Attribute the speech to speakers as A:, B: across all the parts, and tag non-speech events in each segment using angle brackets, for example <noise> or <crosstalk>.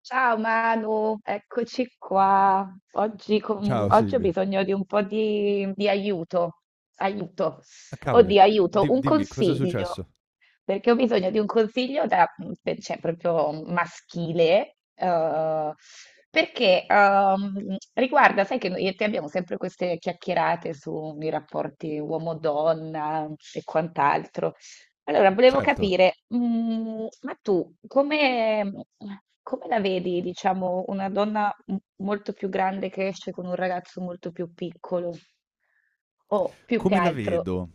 A: Ciao Manu, eccoci qua.
B: Ciao
A: Oggi ho
B: Silvia.
A: bisogno di un po' di aiuto, aiuto,
B: Ah cavoli.
A: oddio, aiuto,
B: Di
A: un
B: dimmi cos'è
A: consiglio,
B: successo?
A: perché ho bisogno di un consiglio da, cioè, proprio maschile, perché riguarda, sai che noi e te abbiamo sempre queste chiacchierate sui rapporti uomo-donna e quant'altro. Allora, volevo
B: Certo.
A: capire, ma tu come, come la vedi, diciamo, una donna molto più grande che esce con un ragazzo molto più piccolo? O
B: Come la vedo?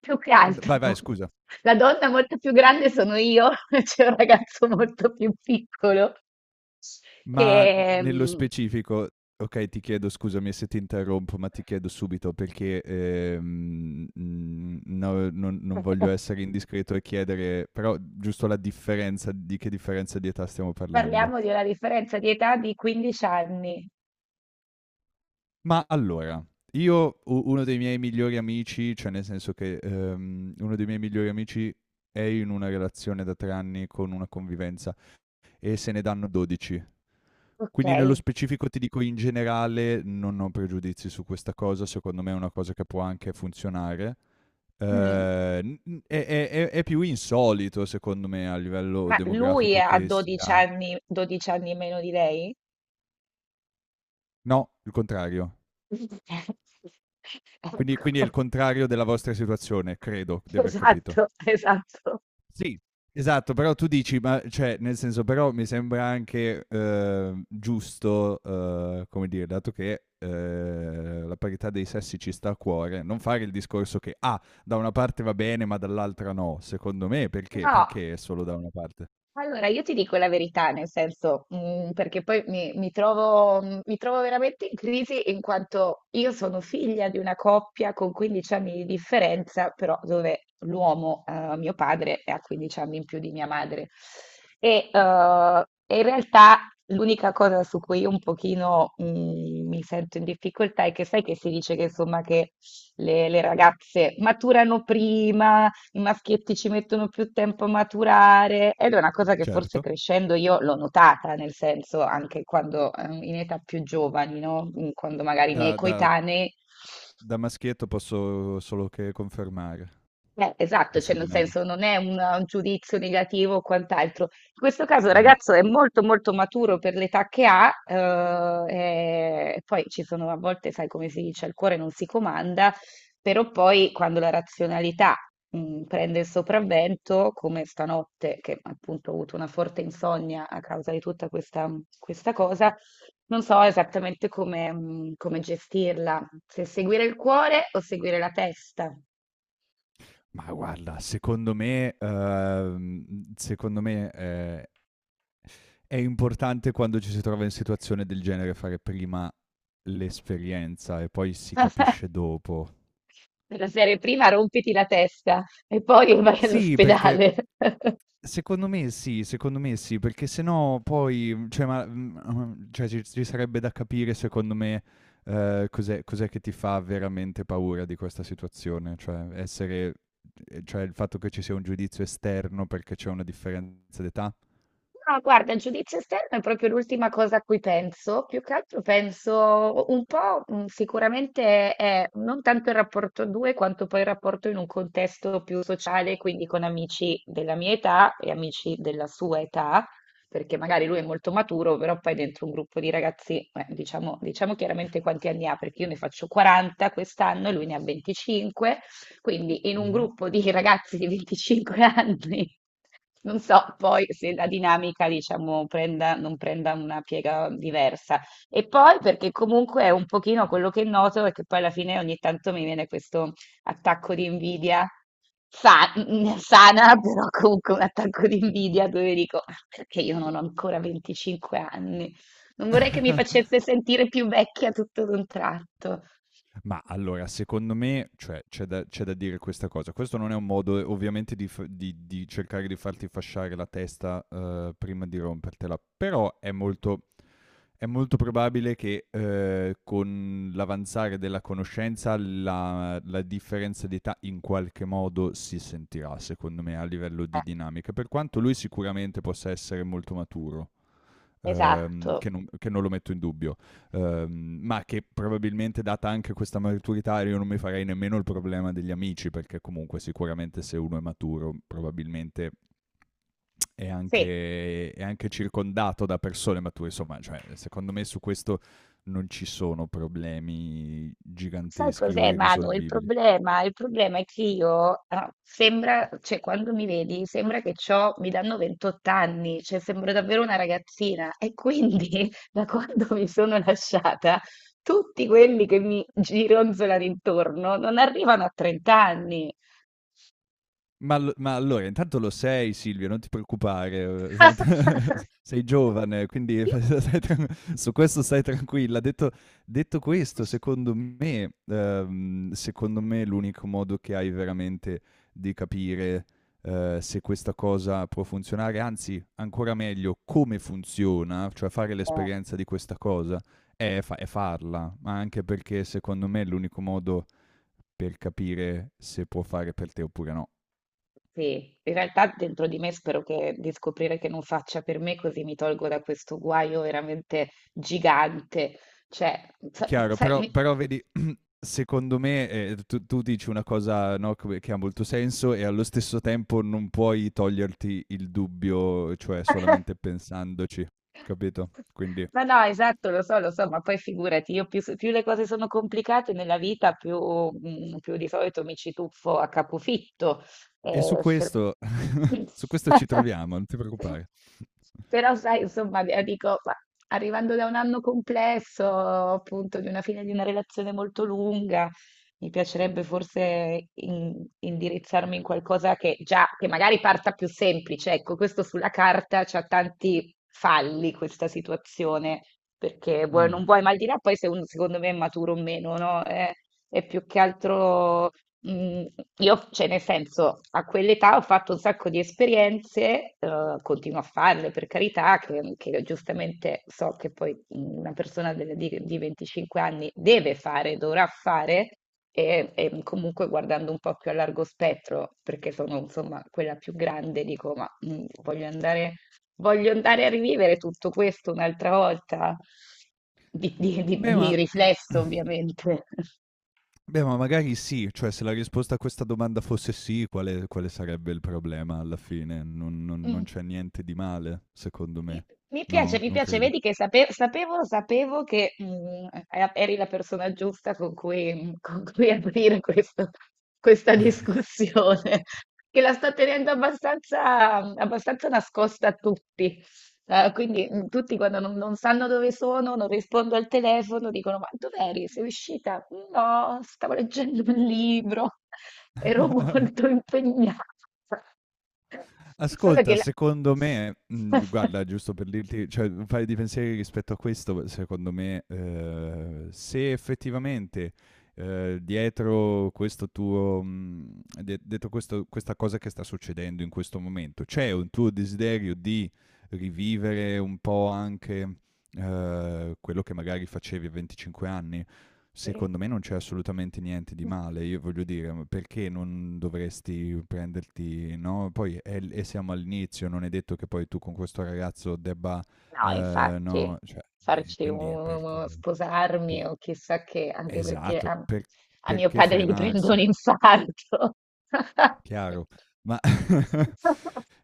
A: più che
B: N
A: altro,
B: vai, vai
A: <laughs>
B: scusa.
A: la donna molto più grande sono io, <laughs> c'è un ragazzo molto più piccolo,
B: Ma
A: che
B: nello
A: mm,
B: specifico okay, ti chiedo scusami se ti interrompo, ma ti chiedo subito perché, no non voglio
A: <laughs>
B: essere indiscreto e chiedere però giusto la differenza di che differenza di età stiamo parlando?
A: parliamo di una differenza di età di 15 anni,
B: Ma allora, io u uno dei miei migliori amici, cioè nel senso che, uno dei miei migliori amici è in una relazione da 3 anni con una convivenza e se ne danno 12.
A: ok?
B: Quindi nello specifico ti dico in generale non ho pregiudizi su questa cosa, secondo me è una cosa che può anche funzionare.
A: Mm.
B: È più insolito secondo me a livello
A: Ma lui
B: demografico
A: ha
B: che
A: 12
B: sia
A: anni, 12 anni meno di lei?
B: no, il contrario.
A: <laughs>
B: Quindi
A: Ecco,
B: è il contrario della vostra situazione, credo di aver capito.
A: esatto, esatto.
B: Sì, esatto, però tu dici, ma cioè, nel senso, però mi sembra anche, giusto, come dire, dato che, la parità dei sessi ci sta a cuore, non fare il discorso che, ah, da una parte va bene, ma dall'altra no. Secondo me,
A: No,
B: perché è solo da una parte?
A: allora, io ti dico la verità, nel senso, perché poi mi trovo, mi trovo veramente in crisi in quanto io sono figlia di una coppia con 15 anni di differenza, però dove l'uomo, mio padre, ha 15 anni in più di mia madre. E in realtà l'unica cosa su cui io un pochino, mi sento in difficoltà è che sai che si dice che insomma che le ragazze maturano prima, i maschietti ci mettono più tempo a maturare ed è una cosa che forse
B: Certo.
A: crescendo io l'ho notata, nel senso anche quando in età più giovani, no? Mm, quando magari i miei
B: Da da
A: coetanei…
B: Da maschietto posso solo che confermare
A: Esatto,
B: questa
A: cioè nel
B: dinamica.
A: senso non è un giudizio negativo o quant'altro. In questo caso il
B: No, no.
A: ragazzo è molto molto maturo per l'età che ha, e poi ci sono a volte, sai come si dice, il cuore non si comanda, però poi quando la razionalità prende il sopravvento, come stanotte, che appunto ho avuto una forte insonnia a causa di tutta questa, questa cosa, non so esattamente come, come gestirla, se seguire il cuore o seguire la testa.
B: Ma guarda, secondo me, secondo me, è importante quando ci si trova in situazione del genere fare prima l'esperienza e poi si capisce dopo.
A: Della serie prima rompiti la testa e poi vai
B: Sì, perché
A: all'ospedale. <laughs>
B: secondo me sì, perché sennò poi, cioè, ma, cioè ci sarebbe da capire secondo me, cos'è che ti fa veramente paura di questa situazione, cioè essere cioè il fatto che ci sia un giudizio esterno perché c'è una differenza d'età?
A: No, guarda, il giudizio esterno è proprio l'ultima cosa a cui penso. Più che altro penso un po', sicuramente è non tanto il rapporto a due, quanto poi il rapporto in un contesto più sociale, quindi con amici della mia età e amici della sua età, perché magari lui è molto maturo, però poi dentro un gruppo di ragazzi, diciamo, diciamo chiaramente quanti anni ha, perché io ne faccio 40 quest'anno e lui ne ha 25. Quindi in un
B: Mh-mh.
A: gruppo di ragazzi di 25 anni, <laughs> non so poi se la dinamica, diciamo, prenda, non prenda una piega diversa. E poi perché comunque è un pochino quello che noto è che poi alla fine ogni tanto mi viene questo attacco di invidia. sa- <laughs> Sana, però comunque un attacco di invidia dove dico: "Ah, perché io non ho ancora 25 anni. Non vorrei che mi
B: <laughs>
A: facesse sentire più vecchia tutto d'un tratto."
B: Ma allora, secondo me, cioè, c'è da dire questa cosa. Questo non è un modo, ovviamente, di cercare di farti fasciare la testa prima di rompertela, però è è molto probabile che con l'avanzare della conoscenza la differenza di età in qualche modo si sentirà, secondo me, a livello
A: Eh,
B: di dinamica, per quanto lui sicuramente possa essere molto maturo
A: esatto.
B: che non lo metto in dubbio, ma che probabilmente data anche questa maturità io non mi farei nemmeno il problema degli amici, perché comunque sicuramente se uno è maturo probabilmente è
A: Sì.
B: è anche circondato da persone mature, insomma, cioè, secondo me su questo non ci sono problemi
A: Sai
B: giganteschi o
A: cos'è, Manu? Il
B: irrisolvibili.
A: problema, il problema è che io, ah, sembra, cioè quando mi vedi, sembra che c'ho, mi danno 28 anni, cioè sembro davvero una ragazzina. E quindi, <laughs> da quando mi sono lasciata, tutti quelli che mi gironzolano intorno non arrivano a 30 anni.
B: Ma allora intanto lo sei Silvio, non ti preoccupare, <laughs>
A: <laughs>
B: s sei giovane, quindi <laughs> stai tran su questo stai tranquilla. Detto questo, secondo me l'unico modo che hai veramente di capire, se questa cosa può funzionare, anzi ancora meglio come funziona, cioè fare
A: Io…
B: l'esperienza di questa cosa, è farla, ma anche perché secondo me è l'unico modo per capire se può fare per te oppure no.
A: sì, in realtà dentro di me spero che, di scoprire che non faccia per me, così mi tolgo da questo guaio veramente gigante. Cioè,
B: Chiaro,
A: sai,
B: però vedi, secondo me tu dici una cosa no, che ha molto senso e allo stesso tempo non puoi toglierti il dubbio, cioè
A: <laughs>
B: solamente pensandoci, capito? Quindi,
A: ma no, esatto, lo so, ma poi figurati, io più, più le cose sono complicate nella vita, più, più di solito mi ci tuffo a capofitto.
B: e su
A: Eh, se-
B: questo, su questo ci
A: <laughs>
B: troviamo, non ti preoccupare.
A: Però sai, insomma, dico, ma arrivando da un anno complesso, appunto, di una fine di una relazione molto lunga, mi piacerebbe forse indirizzarmi in qualcosa che già, che magari parta più semplice. Ecco, questo sulla carta c'ha tanti falli questa situazione, perché vuoi,
B: Mm.
A: non vuoi, ma al di là poi se uno secondo me è maturo o meno, no? È più che altro… Mm, io, cioè, nel senso, a quell'età ho fatto un sacco di esperienze, continuo a farle per carità, che giustamente so che poi una persona di 25 anni deve fare, dovrà fare, e comunque guardando un po' più a largo spettro, perché sono insomma quella più grande, dico, ma voglio andare a rivivere tutto questo un'altra volta,
B: Beh,
A: di
B: ma, <clears throat>
A: riflesso, ovviamente.
B: beh, ma magari sì, cioè se la risposta a questa domanda fosse sì, quale sarebbe il problema alla fine? Non non c'è
A: <laughs>
B: niente di male, secondo
A: Mi
B: me. No,
A: mi
B: non
A: piace,
B: credi?
A: vedi che sapevo, sapevo che eri la persona giusta con cui, con cui aprire questa discussione, <laughs> che la sto tenendo abbastanza, abbastanza nascosta a tutti. Quindi tutti quando non sanno dove sono, non rispondo al telefono, dicono: "Ma dov'eri? Sei uscita?" No, stavo leggendo un libro, <laughs> ero molto
B: <laughs>
A: impegnata. <laughs> Solo che
B: Ascolta,
A: la...
B: secondo me
A: <laughs>
B: guarda giusto per dirti cioè un paio di pensieri rispetto a questo, secondo me, se effettivamente, dietro questo tuo mhmm, de dietro questo questa cosa che sta succedendo in questo momento, c'è un tuo desiderio di rivivere un po' quello che magari facevi a 25 anni?
A: Sì.
B: Secondo me non c'è assolutamente niente di male, io voglio dire, ma perché non dovresti prenderti, no? Poi e siamo all'inizio, non è detto che poi tu con questo ragazzo debba,
A: No, infatti,
B: no, cioè,
A: farci
B: quindi
A: un, sposarmi
B: pe-
A: o chissà che, anche perché
B: esatto,
A: a, a mio
B: perché
A: padre gli prendo un
B: frenarsi?
A: infarto. <laughs>
B: Chiaro. Ma <laughs>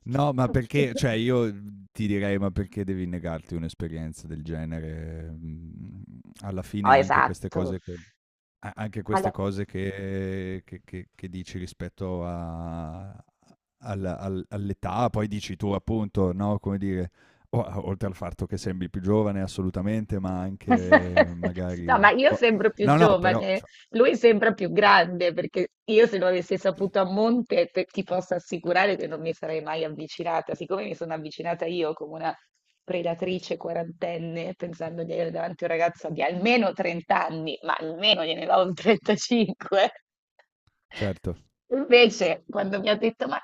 B: no, ma perché, cioè io ti direi, ma perché devi negarti un'esperienza del genere? Mm, alla
A: Oh,
B: fine anche queste
A: esatto.
B: cose che... A anche queste
A: Allora,
B: cose che dici rispetto a al al all'età, poi dici tu appunto, no, come dire, o a oltre al fatto che sembri più giovane assolutamente, ma anche
A: <laughs> no,
B: magari
A: ma io
B: boh,
A: sembro più
B: no, no, però
A: giovane,
B: cioè
A: lui sembra più grande, perché io se lo avessi saputo a monte, ti posso assicurare che non mi sarei mai avvicinata, siccome mi sono avvicinata io come una predatrice quarantenne, pensando di avere davanti un ragazzo di almeno 30 anni, ma almeno gliene do un 35.
B: certo.
A: Invece, quando mi ha detto,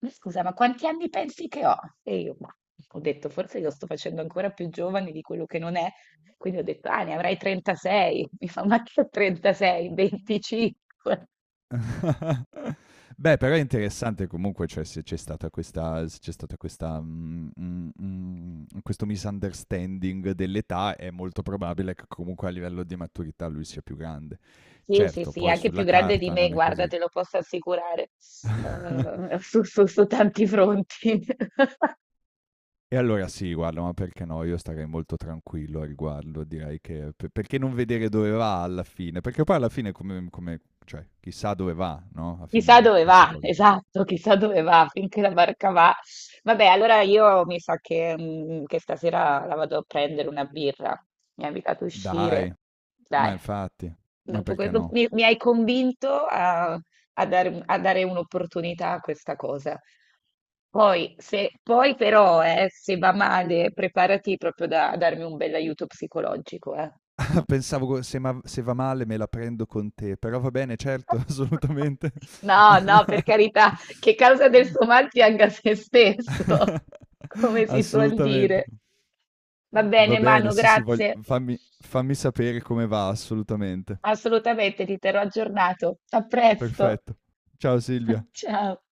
A: ma scusa, ma quanti anni pensi che ho? E io, ma ho detto, forse lo sto facendo ancora più giovane di quello che non è, quindi ho detto: "Ah, ne avrai 36". <laughs> Mi fa: "Ma che 36? 25".
B: <laughs> Beh, però è interessante comunque, cioè se c'è stata questa questo misunderstanding dell'età, è molto probabile che comunque a livello di maturità lui sia più grande.
A: Sì, sì,
B: Certo,
A: sì,
B: poi
A: anche più
B: sulla
A: grande di
B: carta
A: me,
B: non è
A: guarda,
B: così.
A: te lo posso assicurare.
B: <laughs>
A: Su su su tanti fronti. <laughs>
B: E allora sì, guarda, ma perché no? Io starei molto tranquillo a riguardo, direi che... Perché non vedere dove va alla fine? Perché poi alla fine come... cioè, chissà dove va, no? A
A: Chissà
B: finire
A: dove
B: questa
A: va,
B: cosa. Qui.
A: esatto, chissà dove va, finché la barca va. Vabbè, allora io mi sa che che stasera la vado a prendere una birra. Mi ha invitato a uscire.
B: Dai, ma
A: Dai.
B: infatti, ma
A: Dopo que-
B: perché
A: dop-
B: no?
A: mi hai convinto a, a dare, a dare un'opportunità a questa cosa. Poi, poi però, se va male, preparati proprio da, a darmi un bell'aiuto psicologico, eh.
B: <laughs> Ah, pensavo se va male me la prendo con te, però va bene, certo, <laughs>
A: <laughs>
B: assolutamente.
A: No, no, per carità, che causa del suo mal pianga se
B: <laughs>
A: stesso, <laughs> come si suol
B: Assolutamente.
A: dire. Va
B: Va
A: bene,
B: bene,
A: Manu,
B: sì, sì,
A: grazie.
B: fammi, fammi sapere come va, assolutamente.
A: Assolutamente, ti terrò aggiornato. A presto.
B: Perfetto. Ciao Silvia.
A: <laughs> Ciao.